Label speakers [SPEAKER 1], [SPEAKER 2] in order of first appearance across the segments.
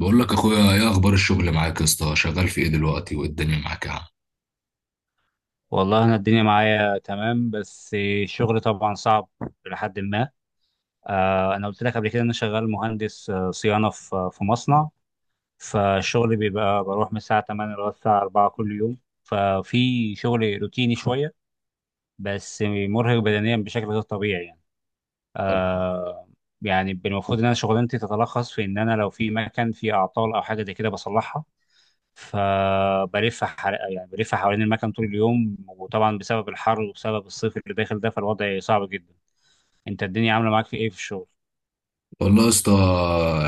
[SPEAKER 1] بقول لك اخويا ايه اخبار الشغل معاك يا اسطى؟ شغال في ايه دلوقتي والدنيا معاك يا عم؟
[SPEAKER 2] والله انا الدنيا معايا تمام، بس الشغل طبعا صعب لحد ما انا قلت لك قبل كده ان انا شغال مهندس صيانه في مصنع. فالشغل بيبقى بروح من الساعه 8 لغايه الساعه 4 كل يوم، ففي شغل روتيني شويه بس مرهق بدنيا بشكل غير طبيعي يعني. آه، يعني المفروض ان انا شغلانتي تتلخص في ان انا لو في مكان فيه اعطال او حاجه زي كده بصلحها، يعني بلف حوالين المكان طول اليوم، وطبعا بسبب الحر وبسبب الصيف اللي داخل ده فالوضع صعب جدا. انت الدنيا عامله معاك في ايه في الشغل؟
[SPEAKER 1] والله يا اسطى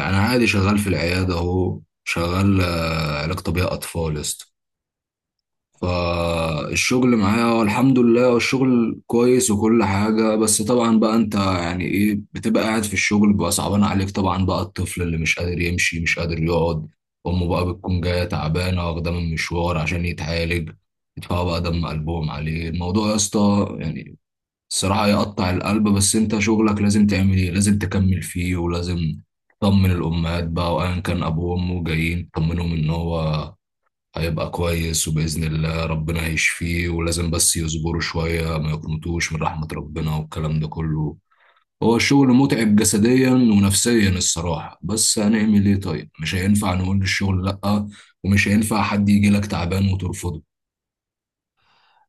[SPEAKER 1] انا عادي شغال في العياده اهو، شغال علاج طبيعي اطفال يا اسطى. فالشغل معايا هو الحمد لله، والشغل كويس وكل حاجه. بس طبعا بقى انت يعني ايه، بتبقى قاعد في الشغل بقى صعبان عليك طبعا بقى الطفل اللي مش قادر يمشي مش قادر يقعد، امه بقى بتكون جايه تعبانه واخده من مشوار عشان يتعالج، يدفعوا بقى دم قلبهم عليه. الموضوع يا اسطى يعني الصراحة يقطع القلب، بس انت شغلك لازم تعمل ايه، لازم تكمل فيه، ولازم تطمن الأمهات بقى، وأيا كان أبوه وأمه جايين تطمنهم إن هو هيبقى كويس وبإذن الله ربنا هيشفيه، ولازم بس يصبروا شوية، ما يقنطوش من رحمة ربنا والكلام ده كله. هو الشغل متعب جسديا ونفسيا الصراحة، بس هنعمل ايه؟ طيب مش هينفع نقول للشغل لأ، ومش هينفع حد يجي لك تعبان وترفضه.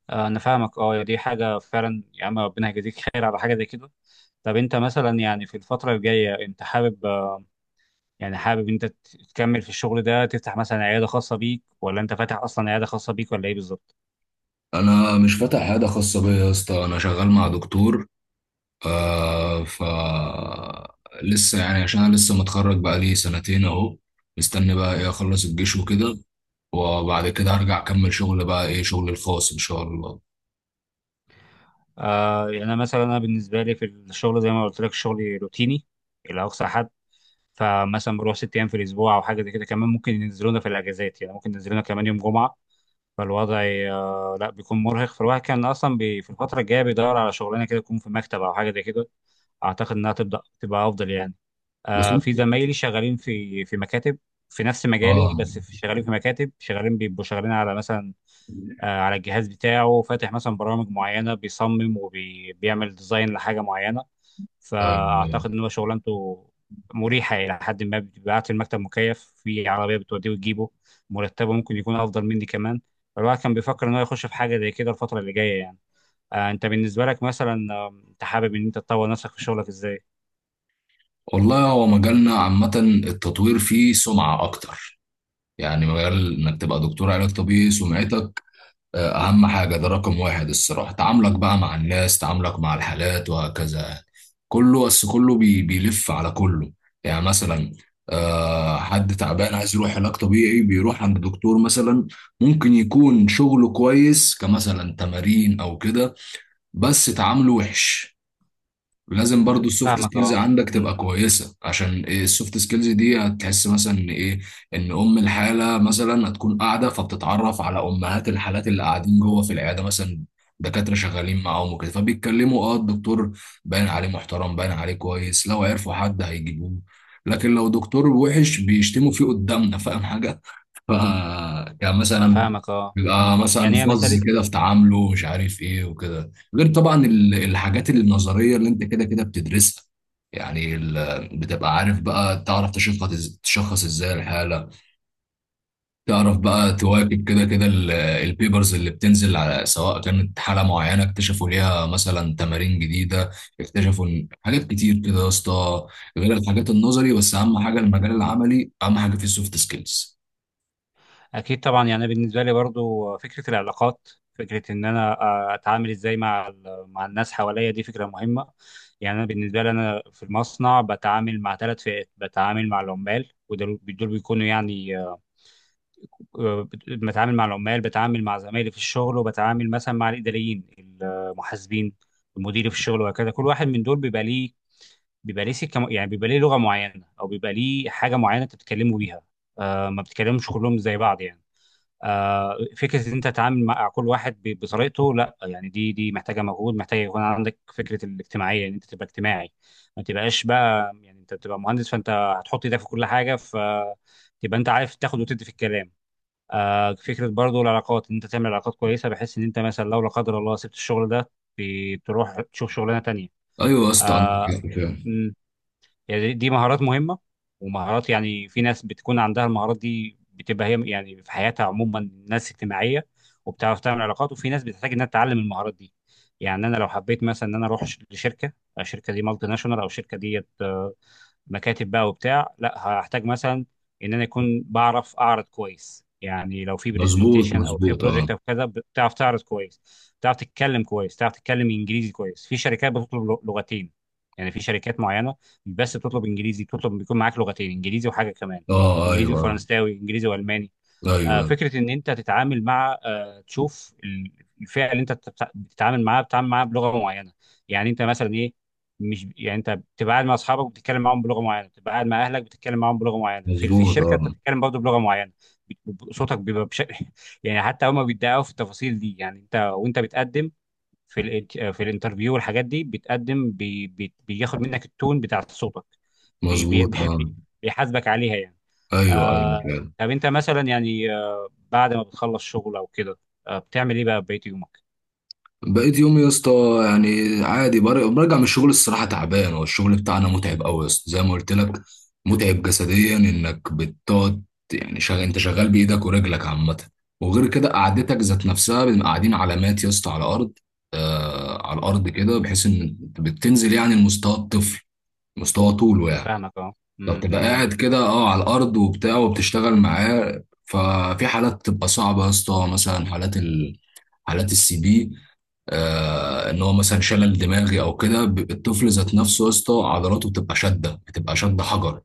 [SPEAKER 2] انا فاهمك اه، يا دي حاجه فعلا يا عم، ربنا يجازيك خير على حاجه زي كده. طب انت مثلا يعني في الفتره الجايه انت حابب، يعني حابب انت تكمل في الشغل ده، تفتح مثلا عياده خاصه بيك، ولا انت فاتح اصلا عياده خاصه بيك، ولا ايه بالظبط؟
[SPEAKER 1] أنا مش فاتح عيادة خاصة بيا يا اسطى، أنا شغال مع دكتور. ف لسه يعني، عشان انا لسه متخرج بقالي سنتين اهو، مستني بقى ايه، اخلص الجيش وكده، وبعد كده هرجع اكمل شغل بقى ايه، شغل الخاص ان شاء الله.
[SPEAKER 2] آه، يعني انا مثلا بالنسبه لي في الشغل زي ما قلت لك شغلي روتيني الى اقصى حد. فمثلا بروح ست ايام في الاسبوع او حاجه زي كده، كمان ممكن ينزلونا في الاجازات، يعني ممكن ينزلونا كمان يوم جمعه. فالوضع لا بيكون مرهق. فالواحد كان اصلا بي في الفتره الجايه بيدور على شغلانه كده تكون في مكتب او حاجه زي كده، اعتقد انها تبدا تبقى افضل يعني.
[SPEAKER 1] بس انت
[SPEAKER 2] في زمايلي شغالين في مكاتب في نفس مجالي،
[SPEAKER 1] اه.
[SPEAKER 2] بس شغالين في مكاتب، شغالين بيبقوا شغالين على مثلا على الجهاز بتاعه، فاتح مثلا برامج معينه، بيصمم وبيعمل ديزاين لحاجه معينه.
[SPEAKER 1] طيب
[SPEAKER 2] فاعتقد ان هو شغلانته مريحه الى حد ما، بيبعت المكتب مكيف في عربيه بتوديه وتجيبه، مرتبه ممكن يكون افضل مني كمان. الواحد كان بيفكر ان هو يخش في حاجه زي كده الفتره اللي جايه يعني. آه، انت بالنسبه لك مثلا انت حابب ان انت تطور نفسك في شغلك ازاي؟
[SPEAKER 1] والله هو مجالنا عامة التطوير فيه سمعة اكتر، يعني مجال انك تبقى دكتور علاج طبيعي، سمعتك اهم حاجة، ده رقم واحد الصراحة. تعاملك بقى مع الناس، تعاملك مع الحالات، وهكذا يعني. كله بس كله بيلف على كله. يعني مثلا آه حد تعبان عايز يروح علاج طبيعي، بيروح عند دكتور مثلا ممكن يكون شغله كويس، كمثلا تمارين او كده، بس تعامله وحش. لازم برضو السوفت
[SPEAKER 2] فاهمك
[SPEAKER 1] سكيلز
[SPEAKER 2] اه.
[SPEAKER 1] عندك تبقى
[SPEAKER 2] مم.
[SPEAKER 1] كويسة، عشان إيه؟ السوفت سكيلز دي هتحس مثلا ان ايه، ان ام الحالة مثلا هتكون قاعدة، فبتتعرف على امهات الحالات اللي قاعدين جوه في العيادة مثلا دكاترة شغالين معاهم وكده، فبيتكلموا، اه الدكتور باين عليه محترم، باين عليه كويس، لو عرفوا حد هيجيبوه. لكن لو دكتور وحش بيشتموا فيه قدامنا، فاهم حاجة؟ ف- كان
[SPEAKER 2] انا
[SPEAKER 1] مثلا
[SPEAKER 2] فاهمك اه.
[SPEAKER 1] بيبقى مثلا
[SPEAKER 2] يعني هي
[SPEAKER 1] فظ
[SPEAKER 2] مساله
[SPEAKER 1] كده في تعامله، مش عارف ايه وكده. غير طبعا الحاجات النظريه اللي انت كده كده بتدرسها، يعني بتبقى عارف بقى تعرف تشخص، ازاي الحاله، تعرف بقى تواكب كده كده البيبرز اللي بتنزل على سواء كانت حاله معينه اكتشفوا ليها مثلا تمارين جديده، اكتشفوا حاجات كتير كده يا اسطى، غير الحاجات النظري. بس اهم حاجه المجال العملي، اهم حاجه في السوفت سكيلز.
[SPEAKER 2] اكيد طبعا. يعني أنا بالنسبه لي برضو فكره العلاقات، فكره ان انا اتعامل ازاي مع مع الناس حواليا، دي فكره مهمه. يعني انا بالنسبه لي في المصنع بتعامل مع ثلاث فئات: بتعامل مع العمال، ودول بيكونوا يعني بتعامل مع العمال، بتعامل مع زمايلي في الشغل، وبتعامل مثلا مع الاداريين المحاسبين المدير في الشغل وهكذا. كل واحد من دول بيبقى ليه سكه، يعني بيبقى ليه لغه معينه او بيبقى ليه حاجه معينه انت بتتكلموا بيها. ما بتتكلمش كلهم زي بعض يعني. فكره ان انت تتعامل مع كل واحد بطريقته لا، يعني دي محتاجه مجهود، محتاجه يكون عندك فكره الاجتماعيه ان انت تبقى اجتماعي. ما تبقاش بقى يعني، انت بتبقى مهندس فانت هتحط ايدك في كل حاجه، فتبقى انت عارف تاخد وتدي في الكلام. فكره برضو العلاقات ان انت تعمل علاقات كويسه، بحيث ان انت مثلا لو لا قدر الله سبت الشغل ده بتروح تشوف شغلانه تانيه.
[SPEAKER 1] ايوه يا اسطى عندك
[SPEAKER 2] آه،
[SPEAKER 1] حق فعلا.
[SPEAKER 2] يعني دي مهارات مهمة، ومهارات يعني في ناس بتكون عندها المهارات دي، بتبقى هي يعني في حياتها عموما ناس اجتماعية وبتعرف تعمل علاقات، وفي ناس بتحتاج انها تتعلم المهارات دي. يعني انا لو حبيت مثلا ان انا اروح لشركة، الشركة دي مالتي ناشونال او الشركة دي مكاتب بقى وبتاع، لا هحتاج مثلا ان انا يكون بعرف اعرض كويس، يعني لو في
[SPEAKER 1] مظبوط
[SPEAKER 2] برزنتيشن او في
[SPEAKER 1] مظبوط اه.
[SPEAKER 2] بروجكت او كذا بتعرف تعرض كويس، بتعرف تتكلم كويس، بتعرف تتكلم انجليزي كويس. في شركات بتطلب لغتين، يعني في شركات معينه مش بس بتطلب انجليزي، بتطلب بيكون معاك لغتين: انجليزي وحاجه كمان،
[SPEAKER 1] اه
[SPEAKER 2] انجليزي
[SPEAKER 1] ايوه
[SPEAKER 2] وفرنساوي، انجليزي والماني.
[SPEAKER 1] ايوه.
[SPEAKER 2] فكره ان انت تتعامل مع تشوف الفئه اللي انت بتتعامل معاها، بتتعامل معاها بلغه معينه. يعني انت مثلا ايه، مش يعني انت بتبقى قاعد مع اصحابك بتتكلم معاهم بلغه معينه، بتبقى قاعد مع اهلك بتتكلم معاهم بلغه معينه، في
[SPEAKER 1] مظبوط
[SPEAKER 2] الشركه انت
[SPEAKER 1] اه.
[SPEAKER 2] بتتكلم برضه بلغه معينه. صوتك بيبقى بشكل يعني حتى هما بيتدققوا في التفاصيل دي. يعني انت وانت بتقدم في في الانترفيو والحاجات دي بتقدم، بي بي بياخد منك التون بتاع صوتك، بي بي
[SPEAKER 1] مظبوط اه.
[SPEAKER 2] بي- بيحاسبك عليها يعني.
[SPEAKER 1] ايوه ايوه
[SPEAKER 2] آه،
[SPEAKER 1] فعلا.
[SPEAKER 2] طب انت مثلا يعني آه، بعد ما بتخلص شغل او كده آه، بتعمل ايه بقى في بقية يومك؟
[SPEAKER 1] بقيت يومي يا اسطى يعني عادي، برجع من الشغل الصراحه تعبان، هو الشغل بتاعنا متعب قوي يا اسطى زي ما قلت لك. متعب جسديا، انك بتقعد يعني انت شغال بايدك ورجلك عامه. وغير كده قعدتك ذات نفسها بنبقى قاعدين علامات يا اسطى على الارض، آه على الارض كده، بحيث ان بتنزل يعني لمستوى الطفل، مستوى طوله
[SPEAKER 2] أنا
[SPEAKER 1] يعني.
[SPEAKER 2] فاهمك اه.
[SPEAKER 1] فبتبقى
[SPEAKER 2] تمام.
[SPEAKER 1] قاعد كده اه على الارض وبتاع وبتشتغل معاه. ففي حالات بتبقى صعبه يا اسطى، مثلا حالات حالات السي بي، آه ان هو مثلا شلل دماغي او كده. الطفل ذات نفسه يا اسطى عضلاته بتبقى شاده، بتبقى شاده حجر،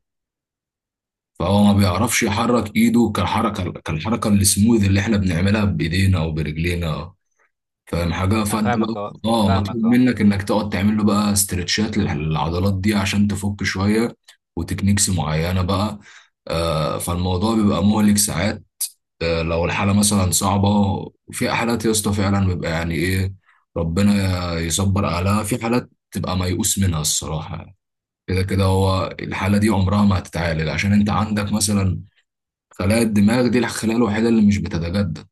[SPEAKER 1] فهو ما بيعرفش يحرك ايده كالحركه السموذ اللي احنا بنعملها بايدينا او برجلينا، فاهم حاجه؟
[SPEAKER 2] أنا
[SPEAKER 1] فانت بقى
[SPEAKER 2] فاهمك اه.
[SPEAKER 1] اه مطلوب
[SPEAKER 2] فاهمك اه.
[SPEAKER 1] منك انك تقعد تعمل له بقى استرتشات للعضلات دي عشان تفك شويه، وتكنيكس معينه بقى. آه فالموضوع بيبقى مهلك ساعات آه لو الحاله مثلا صعبه. وفي حالات يا اسطى فعلا بيبقى يعني ايه، ربنا يصبر اهلها، في حالات تبقى ميؤوس منها الصراحه. كده كده هو الحاله دي عمرها ما هتتعالج، عشان انت عندك مثلا خلايا الدماغ دي الخلايا الوحيدة اللي مش بتتجدد.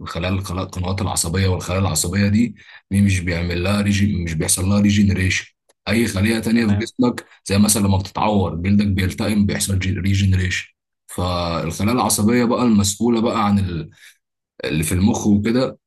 [SPEAKER 1] الخلايا القنوات العصبية والخلايا العصبية دي، دي مش بيعمل لها مش بيحصل لها ريجينريشن. أي خلية تانية في
[SPEAKER 2] تمام.
[SPEAKER 1] جسمك زي مثلا لما بتتعور جلدك بيلتئم، بيحصل ريجينريشن. فالخلايا العصبية بقى المسؤولة بقى عن اللي في المخ وكده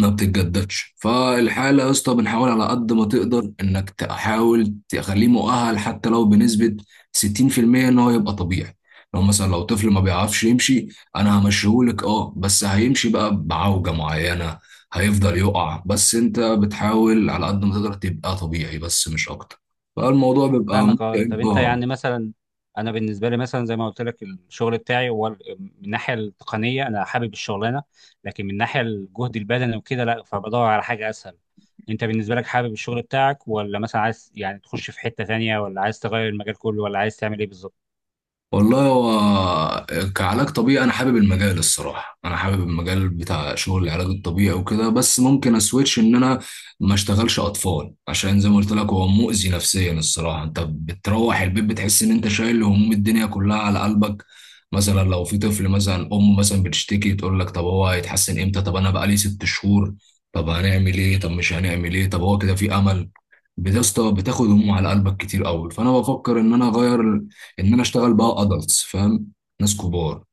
[SPEAKER 1] ما بتتجددش. فالحالة يا اسطى بنحاول على قد ما تقدر انك تحاول تخليه مؤهل، حتى لو بنسبة 60% ان هو يبقى طبيعي. لو مثلا لو طفل ما بيعرفش يمشي، انا همشيهولك اه، بس هيمشي بقى بعوجة معينة، هيفضل يقع، بس انت بتحاول على قد ما تقدر تبقى طبيعي، بس مش اكتر. فالموضوع بيبقى
[SPEAKER 2] فاهمك اه.
[SPEAKER 1] ممتع
[SPEAKER 2] طب انت
[SPEAKER 1] اه.
[SPEAKER 2] يعني مثلا، انا بالنسبه لي مثلا زي ما قلت لك الشغل بتاعي هو من الناحيه التقنيه انا حابب الشغلانه، لكن من الناحيه الجهد البدني وكده لا، فبدور على حاجه اسهل. انت بالنسبه لك حابب الشغل بتاعك، ولا مثلا عايز يعني تخش في حته تانية، ولا عايز تغير المجال كله، ولا عايز تعمل ايه بالظبط؟
[SPEAKER 1] والله هو كعلاج طبيعي انا حابب المجال الصراحه، انا حابب المجال بتاع شغل العلاج الطبيعي وكده، بس ممكن اسويتش ان انا ما اشتغلش اطفال، عشان زي ما قلت لك هو مؤذي نفسيا الصراحه. انت بتروح البيت بتحس ان انت شايل هموم الدنيا كلها على قلبك. مثلا لو في طفل مثلا، ام مثلا بتشتكي تقول لك طب هو هيتحسن امتى؟ طب انا بقالي 6 شهور، طب هنعمل ايه، طب مش هنعمل ايه، طب هو كده في امل؟ يا اسطى بتاخد هموم على قلبك كتير قوي. فانا بفكر ان انا اغير ان انا اشتغل بقى ادلتس، فاهم؟ ناس كبار،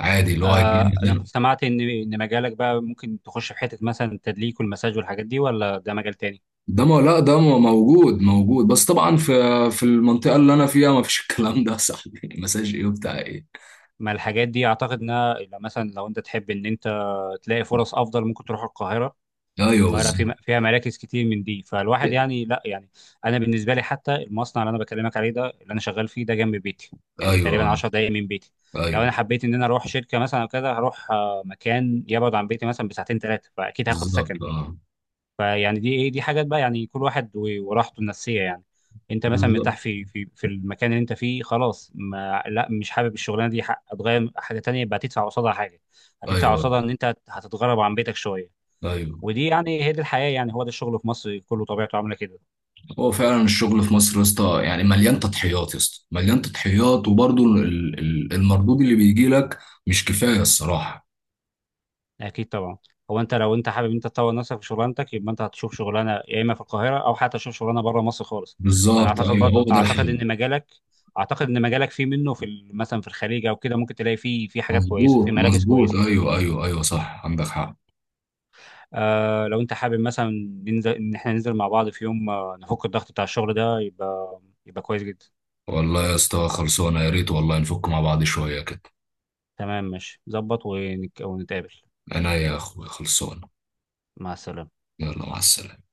[SPEAKER 1] عادي اللي هو هيجي
[SPEAKER 2] آه، انا
[SPEAKER 1] مثلا.
[SPEAKER 2] كنت سمعت ان مجالك بقى ممكن تخش في حته مثلا التدليك والمساج والحاجات دي، ولا ده مجال تاني؟
[SPEAKER 1] ده ما لا ده موجود موجود، بس طبعا في في المنطقه اللي انا فيها ما فيش الكلام ده يا صاحبي مساج ايه وبتاع ايه.
[SPEAKER 2] ما الحاجات دي اعتقد انها لو مثلا لو انت تحب ان انت تلاقي فرص افضل ممكن تروح القاهره،
[SPEAKER 1] ايوه
[SPEAKER 2] القاهره
[SPEAKER 1] بالظبط.
[SPEAKER 2] في فيها مراكز كتير من دي. فالواحد يعني لا يعني، انا بالنسبه لي حتى المصنع اللي انا بكلمك عليه ده اللي انا شغال فيه ده جنب بيتي، يعني
[SPEAKER 1] ايوه
[SPEAKER 2] تقريبا
[SPEAKER 1] اه
[SPEAKER 2] 10 دقائق من بيتي. لو
[SPEAKER 1] ايوه.
[SPEAKER 2] انا حبيت ان انا اروح شركه مثلا او كده هروح مكان يبعد عن بيتي مثلا بساعتين ثلاثه، فاكيد هاخد سكن.
[SPEAKER 1] بالظبط اه.
[SPEAKER 2] فيعني دي ايه، دي حاجات بقى، يعني كل واحد وراحته النفسيه يعني. انت مثلا
[SPEAKER 1] بالظبط.
[SPEAKER 2] مرتاح في في في المكان اللي انت فيه خلاص، ما لا مش حابب الشغلانه دي، هتغير حاجه تانية يبقى هتدفع قصادها حاجه، هتدفع
[SPEAKER 1] ايوه
[SPEAKER 2] قصادها ان انت هتتغرب عن بيتك شويه.
[SPEAKER 1] ايوه.
[SPEAKER 2] ودي يعني هي دي الحياه يعني، هو ده الشغل في مصر كله طبيعته عامله كده.
[SPEAKER 1] هو فعلا الشغل في مصر يا اسطى يعني مليان تضحيات، يا اسطى مليان تضحيات، وبرضه المردود اللي بيجي لك مش كفايه الصراحه.
[SPEAKER 2] اكيد طبعا. هو انت لو انت حابب انت تطور نفسك في شغلانتك، يبقى انت هتشوف شغلانه يا اما في القاهره او حتى تشوف شغلانه بره مصر خالص. انا
[SPEAKER 1] بالظبط
[SPEAKER 2] اعتقد
[SPEAKER 1] ايوه
[SPEAKER 2] برضو،
[SPEAKER 1] هو ده الحل.
[SPEAKER 2] اعتقد ان مجالك فيه منه في مثلا في الخليج او كده، ممكن تلاقي فيه في حاجات كويسه في
[SPEAKER 1] مظبوط
[SPEAKER 2] مراكز
[SPEAKER 1] مظبوط
[SPEAKER 2] كويسه.
[SPEAKER 1] ايوه
[SPEAKER 2] مم.
[SPEAKER 1] ايوه ايوه صح عندك حق.
[SPEAKER 2] آه، لو انت حابب مثلا ننزل ان احنا ننزل مع بعض في يوم نفك الضغط بتاع الشغل ده، يبقى كويس جدا.
[SPEAKER 1] والله يا اسطى خلصانه، يا ريت والله نفك مع بعض شويه كده.
[SPEAKER 2] تمام، ماشي، ونتقابل.
[SPEAKER 1] انا يا اخويا خلصانه.
[SPEAKER 2] مع السلامه.
[SPEAKER 1] يلا مع السلامه.